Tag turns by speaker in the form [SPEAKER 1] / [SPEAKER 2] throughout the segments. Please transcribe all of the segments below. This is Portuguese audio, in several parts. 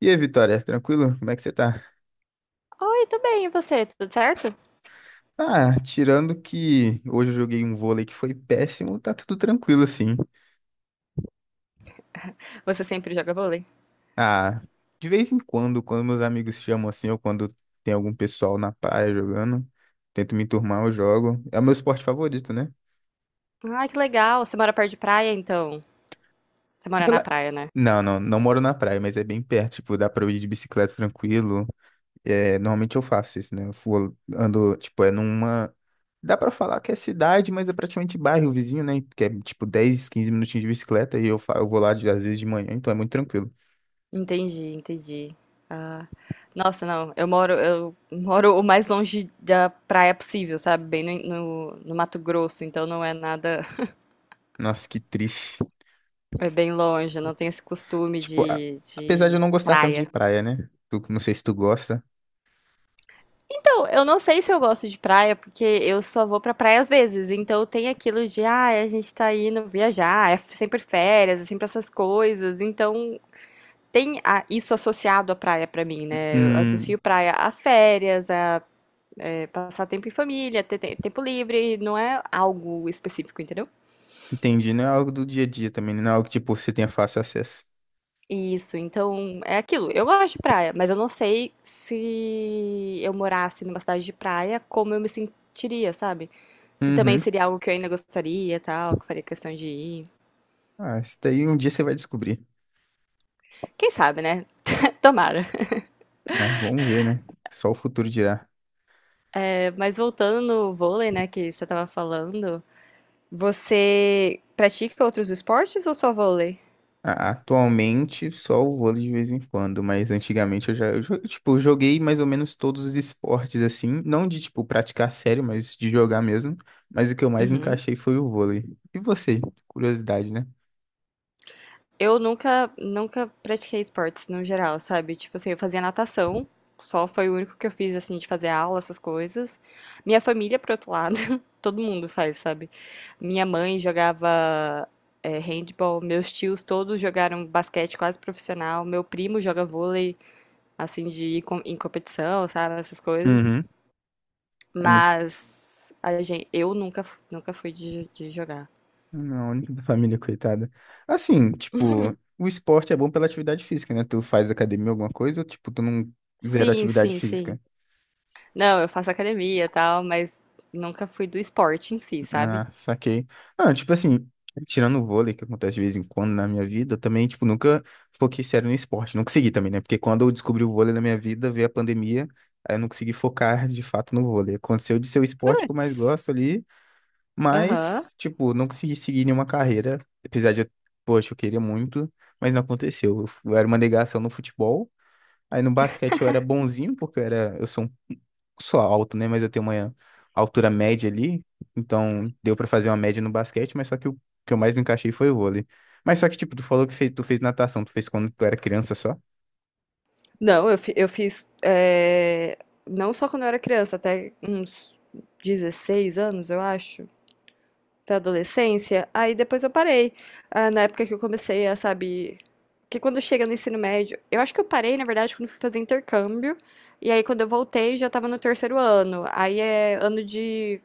[SPEAKER 1] E aí, Vitória, tranquilo? Como é que você tá?
[SPEAKER 2] Oi, tudo bem, e você? Tudo certo?
[SPEAKER 1] Ah, tirando que hoje eu joguei um vôlei que foi péssimo, tá tudo tranquilo assim.
[SPEAKER 2] Você sempre joga vôlei?
[SPEAKER 1] Ah, de vez em quando, quando meus amigos chamam assim, ou quando tem algum pessoal na praia jogando, tento me enturmar, eu jogo. É o meu esporte favorito, né?
[SPEAKER 2] Ah, que legal. Você mora perto de praia, então? Você mora na
[SPEAKER 1] Rela-
[SPEAKER 2] praia, né?
[SPEAKER 1] Não, não moro na praia, mas é bem perto, tipo, dá pra eu ir de bicicleta tranquilo. É, normalmente eu faço isso, né? Ando, tipo, é numa. Dá pra falar que é cidade, mas é praticamente bairro vizinho, né? Que é tipo 10 ou 15 minutinhos de bicicleta e eu, eu vou lá às vezes de manhã, então é muito tranquilo.
[SPEAKER 2] Entendi, entendi. Ah, nossa, não. Eu moro o mais longe da praia possível, sabe? Bem no Mato Grosso, então não é nada,
[SPEAKER 1] Nossa, que triste.
[SPEAKER 2] é bem longe. Eu não tenho esse costume
[SPEAKER 1] Tipo,
[SPEAKER 2] de,
[SPEAKER 1] apesar de
[SPEAKER 2] de
[SPEAKER 1] eu não gostar tanto de
[SPEAKER 2] praia.
[SPEAKER 1] praia, né? Não sei se tu gosta.
[SPEAKER 2] Então, eu não sei se eu gosto de praia, porque eu só vou pra praia às vezes. Então tem aquilo de, a gente tá indo viajar, é sempre férias, é sempre essas coisas. Então tem isso associado à praia pra mim, né? Eu associo
[SPEAKER 1] Hum,
[SPEAKER 2] praia a férias, a passar tempo em família, ter tempo livre, não é algo específico, entendeu?
[SPEAKER 1] entendi. Não é algo do dia a dia também, né? Não é algo que, tipo, você tenha fácil acesso.
[SPEAKER 2] Isso, então é aquilo. Eu gosto de praia, mas eu não sei se eu morasse numa cidade de praia, como eu me sentiria, sabe? Se também
[SPEAKER 1] Uhum.
[SPEAKER 2] seria algo que eu ainda gostaria, tal, que eu faria questão de ir.
[SPEAKER 1] Ah, isso daí um dia você vai descobrir.
[SPEAKER 2] Quem sabe, né? Tomara.
[SPEAKER 1] Ah, vamos ver, né? Só o futuro dirá.
[SPEAKER 2] É, mas voltando no vôlei, né, que você tava falando, você pratica outros esportes ou só vôlei?
[SPEAKER 1] Atualmente só o vôlei de vez em quando, mas antigamente eu já, eu, tipo, eu joguei mais ou menos todos os esportes assim, não de tipo praticar sério, mas de jogar mesmo. Mas o que eu mais me
[SPEAKER 2] Uhum.
[SPEAKER 1] encaixei foi o vôlei. E você? Curiosidade, né?
[SPEAKER 2] Eu nunca, nunca pratiquei esportes no geral, sabe? Tipo assim, eu fazia natação, só foi o único que eu fiz, assim, de fazer aula, essas coisas. Minha família, por outro lado, todo mundo faz, sabe? Minha mãe jogava, handball, meus tios todos jogaram basquete quase profissional, meu primo joga vôlei, assim, de ir em competição, sabe? Essas coisas.
[SPEAKER 1] Uhum. É muito.
[SPEAKER 2] Mas a gente, eu nunca, nunca fui de jogar.
[SPEAKER 1] Não, a única da família, coitada. Assim, tipo, o esporte é bom pela atividade física, né? Tu faz academia, alguma coisa, ou tipo, tu não zero
[SPEAKER 2] Sim,
[SPEAKER 1] atividade
[SPEAKER 2] sim,
[SPEAKER 1] física?
[SPEAKER 2] sim. Não, eu faço academia e tal, mas nunca fui do esporte em si, sabe?
[SPEAKER 1] Ah, saquei. Não, tipo assim, tirando o vôlei, que acontece de vez em quando na minha vida, eu também, tipo, nunca foquei sério no esporte. Não consegui também, né? Porque quando eu descobri o vôlei na minha vida, veio a pandemia, aí eu não consegui focar de fato no vôlei. Aconteceu de ser o esporte que eu mais
[SPEAKER 2] Putz.
[SPEAKER 1] gosto ali,
[SPEAKER 2] Aham.
[SPEAKER 1] mas, tipo, não consegui seguir nenhuma carreira, apesar de, poxa, eu queria muito, mas não aconteceu. Eu era uma negação no futebol. Aí no basquete eu era bonzinho, porque eu era, eu sou um, sou alto, né? Mas eu tenho uma altura média ali, então deu pra fazer uma média no basquete, mas só que o que eu mais me encaixei foi o vôlei. Mas só que, tipo, tu falou que fez, tu fez natação, tu fez quando tu era criança só?
[SPEAKER 2] Não, eu fiz. Não só quando eu era criança, até uns 16 anos, eu acho, até a adolescência. Aí depois eu parei. Ah, na época que eu comecei a, sabe. Que quando chega no ensino médio. Eu acho que eu parei, na verdade, quando fui fazer intercâmbio. E aí quando eu voltei, já tava no terceiro ano. Aí é ano de,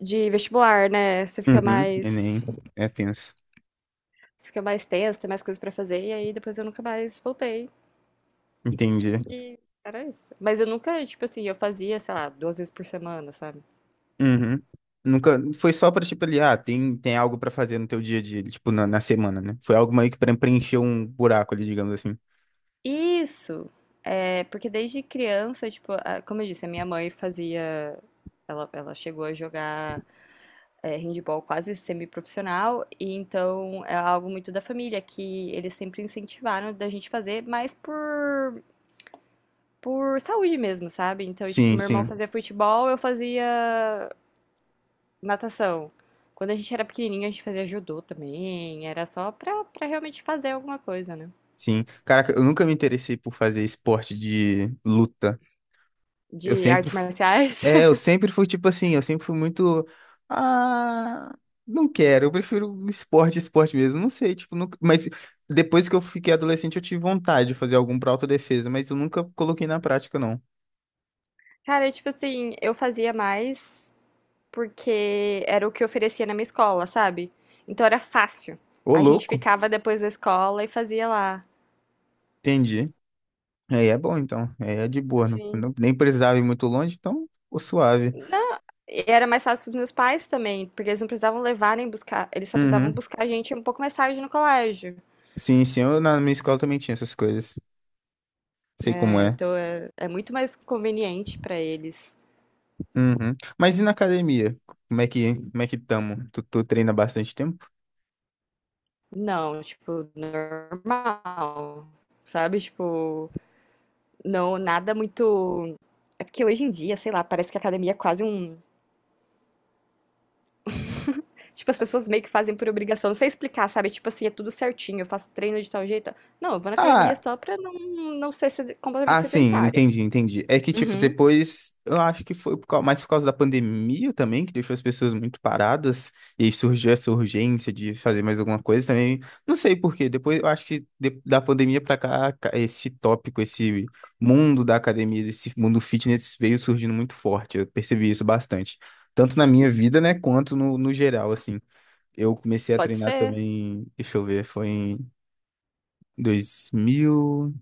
[SPEAKER 2] de vestibular, né? Você fica
[SPEAKER 1] Uhum. E nem
[SPEAKER 2] mais.
[SPEAKER 1] é tenso.
[SPEAKER 2] Fica mais tenso, tem mais coisas pra fazer, e aí depois eu nunca mais voltei.
[SPEAKER 1] Entendi.
[SPEAKER 2] E era isso. Mas eu nunca, tipo assim, eu fazia, sei lá, 2 vezes por semana, sabe?
[SPEAKER 1] Uhum. Nunca, foi só pra, tipo, ali, ah, tem, tem algo pra fazer no teu dia a dia, tipo, na, na semana, né? Foi algo meio que pra preencher um buraco ali, digamos assim.
[SPEAKER 2] Isso! É, porque desde criança, tipo, como eu disse, a minha mãe fazia. Ela chegou a jogar handball quase semiprofissional, e então é algo muito da família, que eles sempre incentivaram da gente fazer, mas por saúde mesmo, sabe? Então, tipo,
[SPEAKER 1] Sim,
[SPEAKER 2] meu irmão
[SPEAKER 1] sim,
[SPEAKER 2] fazia futebol, eu fazia natação. Quando a gente era pequenininho, a gente fazia judô também. Era só pra realmente fazer alguma coisa, né?
[SPEAKER 1] sim. Caraca, eu nunca me interessei por fazer esporte de luta. Eu
[SPEAKER 2] De
[SPEAKER 1] sempre,
[SPEAKER 2] artes
[SPEAKER 1] fu-
[SPEAKER 2] marciais.
[SPEAKER 1] É, eu sempre fui tipo assim, eu sempre fui muito, ah, não quero, eu prefiro um esporte, esporte mesmo, não sei, tipo, nunca, mas depois que eu fiquei adolescente eu tive vontade de fazer algum pra autodefesa, mas eu nunca coloquei na prática, não.
[SPEAKER 2] Cara, tipo assim, eu fazia mais porque era o que oferecia na minha escola, sabe? Então era fácil.
[SPEAKER 1] Ô,
[SPEAKER 2] A gente
[SPEAKER 1] louco,
[SPEAKER 2] ficava depois da escola e fazia lá.
[SPEAKER 1] entendi. Aí é bom, então, aí é de boa, não,
[SPEAKER 2] Assim.
[SPEAKER 1] nem precisava ir muito longe, então, ô, suave.
[SPEAKER 2] Não, e era mais fácil dos meus pais também, porque eles não precisavam levar nem buscar. Eles só precisavam
[SPEAKER 1] Uhum.
[SPEAKER 2] buscar a gente um pouco mais tarde no colégio.
[SPEAKER 1] Sim, sim, eu na minha escola também tinha essas coisas, sei como
[SPEAKER 2] É,
[SPEAKER 1] é.
[SPEAKER 2] então é muito mais conveniente pra eles.
[SPEAKER 1] Uhum. Mas e na academia? Como é que tamo? Tu treina há bastante tempo?
[SPEAKER 2] Não, tipo, normal, sabe? Tipo, não, nada muito. É porque hoje em dia, sei lá, parece que a academia é quase um. Tipo, as pessoas meio que fazem por obrigação. Não sei explicar, sabe? Tipo assim, é tudo certinho, eu faço treino de tal jeito. Não, eu vou na academia
[SPEAKER 1] Ah,
[SPEAKER 2] só pra não ser completamente
[SPEAKER 1] ah, sim,
[SPEAKER 2] sedentária.
[SPEAKER 1] entendi, entendi. É que, tipo,
[SPEAKER 2] Uhum,
[SPEAKER 1] depois, eu acho que foi por mais por causa da pandemia também, que deixou as pessoas muito paradas, e aí surgiu essa urgência de fazer mais alguma coisa também. Não sei por quê, depois eu acho que da pandemia pra cá, esse tópico, esse mundo da academia, esse mundo fitness veio surgindo muito forte, eu percebi isso bastante. Tanto na minha vida, né, quanto no, no geral, assim. Eu comecei a
[SPEAKER 2] pode
[SPEAKER 1] treinar
[SPEAKER 2] ser.
[SPEAKER 1] também, deixa eu ver, foi em dois mil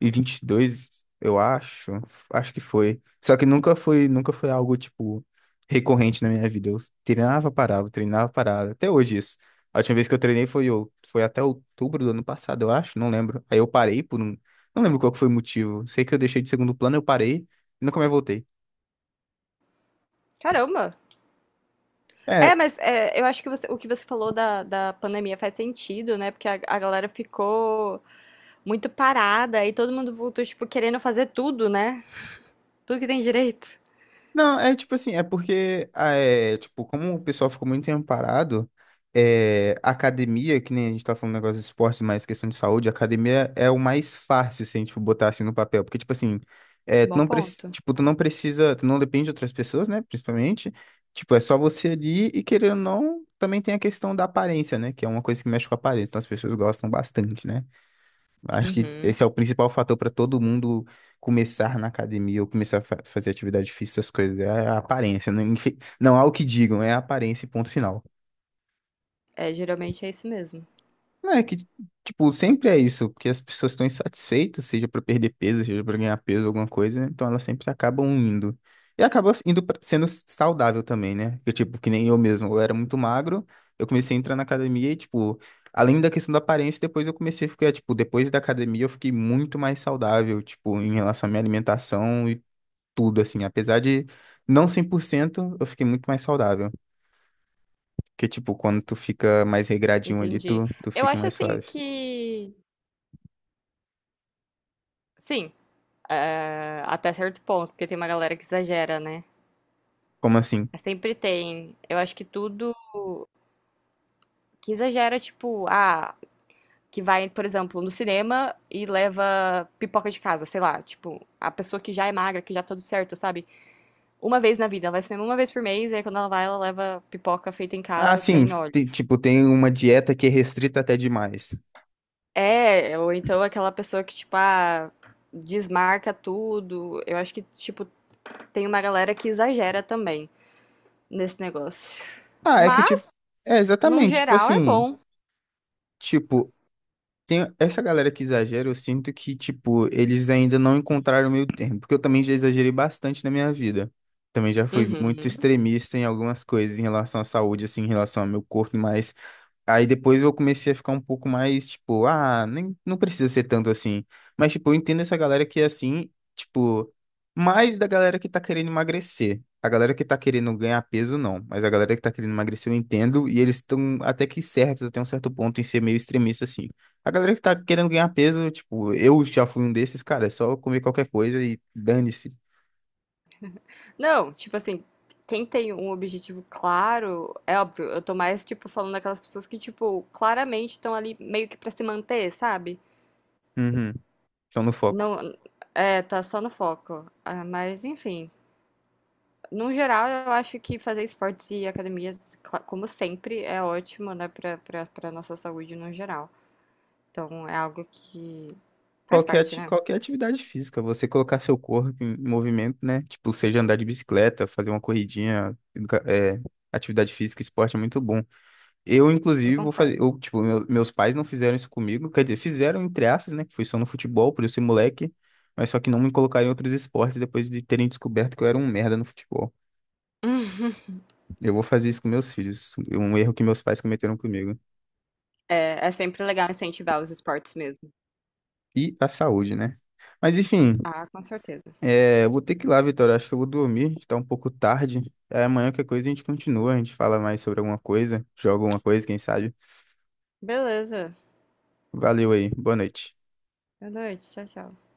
[SPEAKER 1] e vinte e dois eu acho, acho que foi. Só que nunca foi algo tipo recorrente na minha vida. Eu treinava, parava, treinava, parava. Até hoje isso. A última vez que eu treinei foi foi até outubro do ano passado, eu acho, não lembro. Aí eu parei por um, não lembro qual que foi o motivo. Sei que eu deixei de segundo plano, eu parei e nunca mais voltei.
[SPEAKER 2] Caramba!
[SPEAKER 1] É,
[SPEAKER 2] É, mas eu acho que o que você falou da pandemia faz sentido, né? Porque a galera ficou muito parada e todo mundo voltou, tipo, querendo fazer tudo, né? Tudo que tem direito.
[SPEAKER 1] não, é tipo assim, é porque, ah, é, tipo, como o pessoal ficou muito tempo parado, é, a academia, que nem a gente tá falando negócio de esporte, mas questão de saúde, a academia é o mais fácil, se a gente for botar assim no papel, porque, tipo assim, é, tu
[SPEAKER 2] Bom
[SPEAKER 1] não,
[SPEAKER 2] ponto.
[SPEAKER 1] tipo, tu não precisa, tu não depende de outras pessoas, né, principalmente, tipo, é só você ali e querendo ou não, também tem a questão da aparência, né, que é uma coisa que mexe com a aparência, então as pessoas gostam bastante, né. Acho que
[SPEAKER 2] Uhum.
[SPEAKER 1] esse é o principal fator para todo mundo começar na academia ou começar a fazer atividade física, essas coisas. É a aparência. Não, não há o que digam, é a aparência, e ponto final.
[SPEAKER 2] É, geralmente é isso mesmo.
[SPEAKER 1] Não, é que, tipo, sempre é isso, porque as pessoas estão insatisfeitas, seja pra perder peso, seja pra ganhar peso, alguma coisa, né? Então elas sempre acabam indo. E acaba indo sendo saudável também, né? Eu, tipo, que nem eu mesmo, eu era muito magro, eu comecei a entrar na academia e, tipo, além da questão da aparência, depois eu comecei a ficar, tipo, depois da academia eu fiquei muito mais saudável, tipo, em relação à minha alimentação e tudo, assim, apesar de não 100% eu fiquei muito mais saudável. Porque, tipo, quando tu fica mais regradinho ali,
[SPEAKER 2] Entendi.
[SPEAKER 1] tu
[SPEAKER 2] Eu
[SPEAKER 1] fica
[SPEAKER 2] acho
[SPEAKER 1] mais
[SPEAKER 2] assim
[SPEAKER 1] suave.
[SPEAKER 2] que. Sim, até certo ponto, porque tem uma galera que exagera, né?
[SPEAKER 1] Como assim?
[SPEAKER 2] Mas sempre tem. Eu acho que tudo que exagera, tipo, que vai, por exemplo, no cinema e leva pipoca de casa, sei lá. Tipo, a pessoa que já é magra, que já tá tudo certo, sabe? Uma vez na vida, ela vai ao cinema uma vez por mês, e aí quando ela vai, ela leva pipoca feita em
[SPEAKER 1] Ah,
[SPEAKER 2] casa
[SPEAKER 1] sim,
[SPEAKER 2] sem óleo.
[SPEAKER 1] tipo, tem uma dieta que é restrita até demais.
[SPEAKER 2] É, ou então aquela pessoa que, tipo, desmarca tudo. Eu acho que, tipo, tem uma galera que exagera também nesse negócio.
[SPEAKER 1] Ah, é que tipo,
[SPEAKER 2] Mas,
[SPEAKER 1] é
[SPEAKER 2] no
[SPEAKER 1] exatamente, tipo
[SPEAKER 2] geral, é
[SPEAKER 1] assim,
[SPEAKER 2] bom.
[SPEAKER 1] tipo, tem essa galera que exagera, eu sinto que, tipo, eles ainda não encontraram o meio termo, porque eu também já exagerei bastante na minha vida. Também já fui muito
[SPEAKER 2] Uhum.
[SPEAKER 1] extremista em algumas coisas em relação à saúde, assim, em relação ao meu corpo, mas aí depois eu comecei a ficar um pouco mais, tipo, ah, nem, não precisa ser tanto assim. Mas, tipo, eu entendo essa galera que é assim, tipo, mais da galera que tá querendo emagrecer. A galera que tá querendo ganhar peso, não. Mas a galera que tá querendo emagrecer, eu entendo, e eles estão até que certos, até um certo ponto, em ser meio extremista, assim. A galera que tá querendo ganhar peso, tipo, eu já fui um desses, cara, é só comer qualquer coisa e dane-se.
[SPEAKER 2] Não, tipo assim, quem tem um objetivo claro, é óbvio, eu tô mais, tipo, falando daquelas pessoas que, tipo, claramente estão ali meio que pra se manter, sabe?
[SPEAKER 1] Uhum, estão no foco.
[SPEAKER 2] Não, tá só no foco. Ah, mas, enfim. No geral, eu acho que fazer esportes e academias, como sempre, é ótimo, né, pra nossa saúde no geral. Então, é algo que faz
[SPEAKER 1] Qualquer,
[SPEAKER 2] parte, né?
[SPEAKER 1] qualquer atividade física, você colocar seu corpo em movimento, né? Tipo, seja andar de bicicleta, fazer uma corridinha, é, atividade física, esporte é muito bom. Eu,
[SPEAKER 2] Eu
[SPEAKER 1] inclusive, vou fazer,
[SPEAKER 2] concordo.
[SPEAKER 1] eu, tipo, meus pais não fizeram isso comigo, quer dizer, fizeram entre aspas, né? Que foi só no futebol, por eu ser moleque, mas só que não me colocaram em outros esportes depois de terem descoberto que eu era um merda no futebol.
[SPEAKER 2] Hum.
[SPEAKER 1] Eu vou fazer isso com meus filhos, um erro que meus pais cometeram comigo.
[SPEAKER 2] É sempre legal incentivar os esportes mesmo.
[SPEAKER 1] E a saúde, né? Mas enfim,
[SPEAKER 2] Ah, com certeza.
[SPEAKER 1] é, eu vou ter que ir lá, Vitória. Acho que eu vou dormir, tá um pouco tarde. É, amanhã qualquer coisa a gente continua, a gente fala mais sobre alguma coisa, joga alguma coisa, quem sabe.
[SPEAKER 2] Beleza.
[SPEAKER 1] Valeu aí, boa noite.
[SPEAKER 2] Boa noite. Tchau, tchau.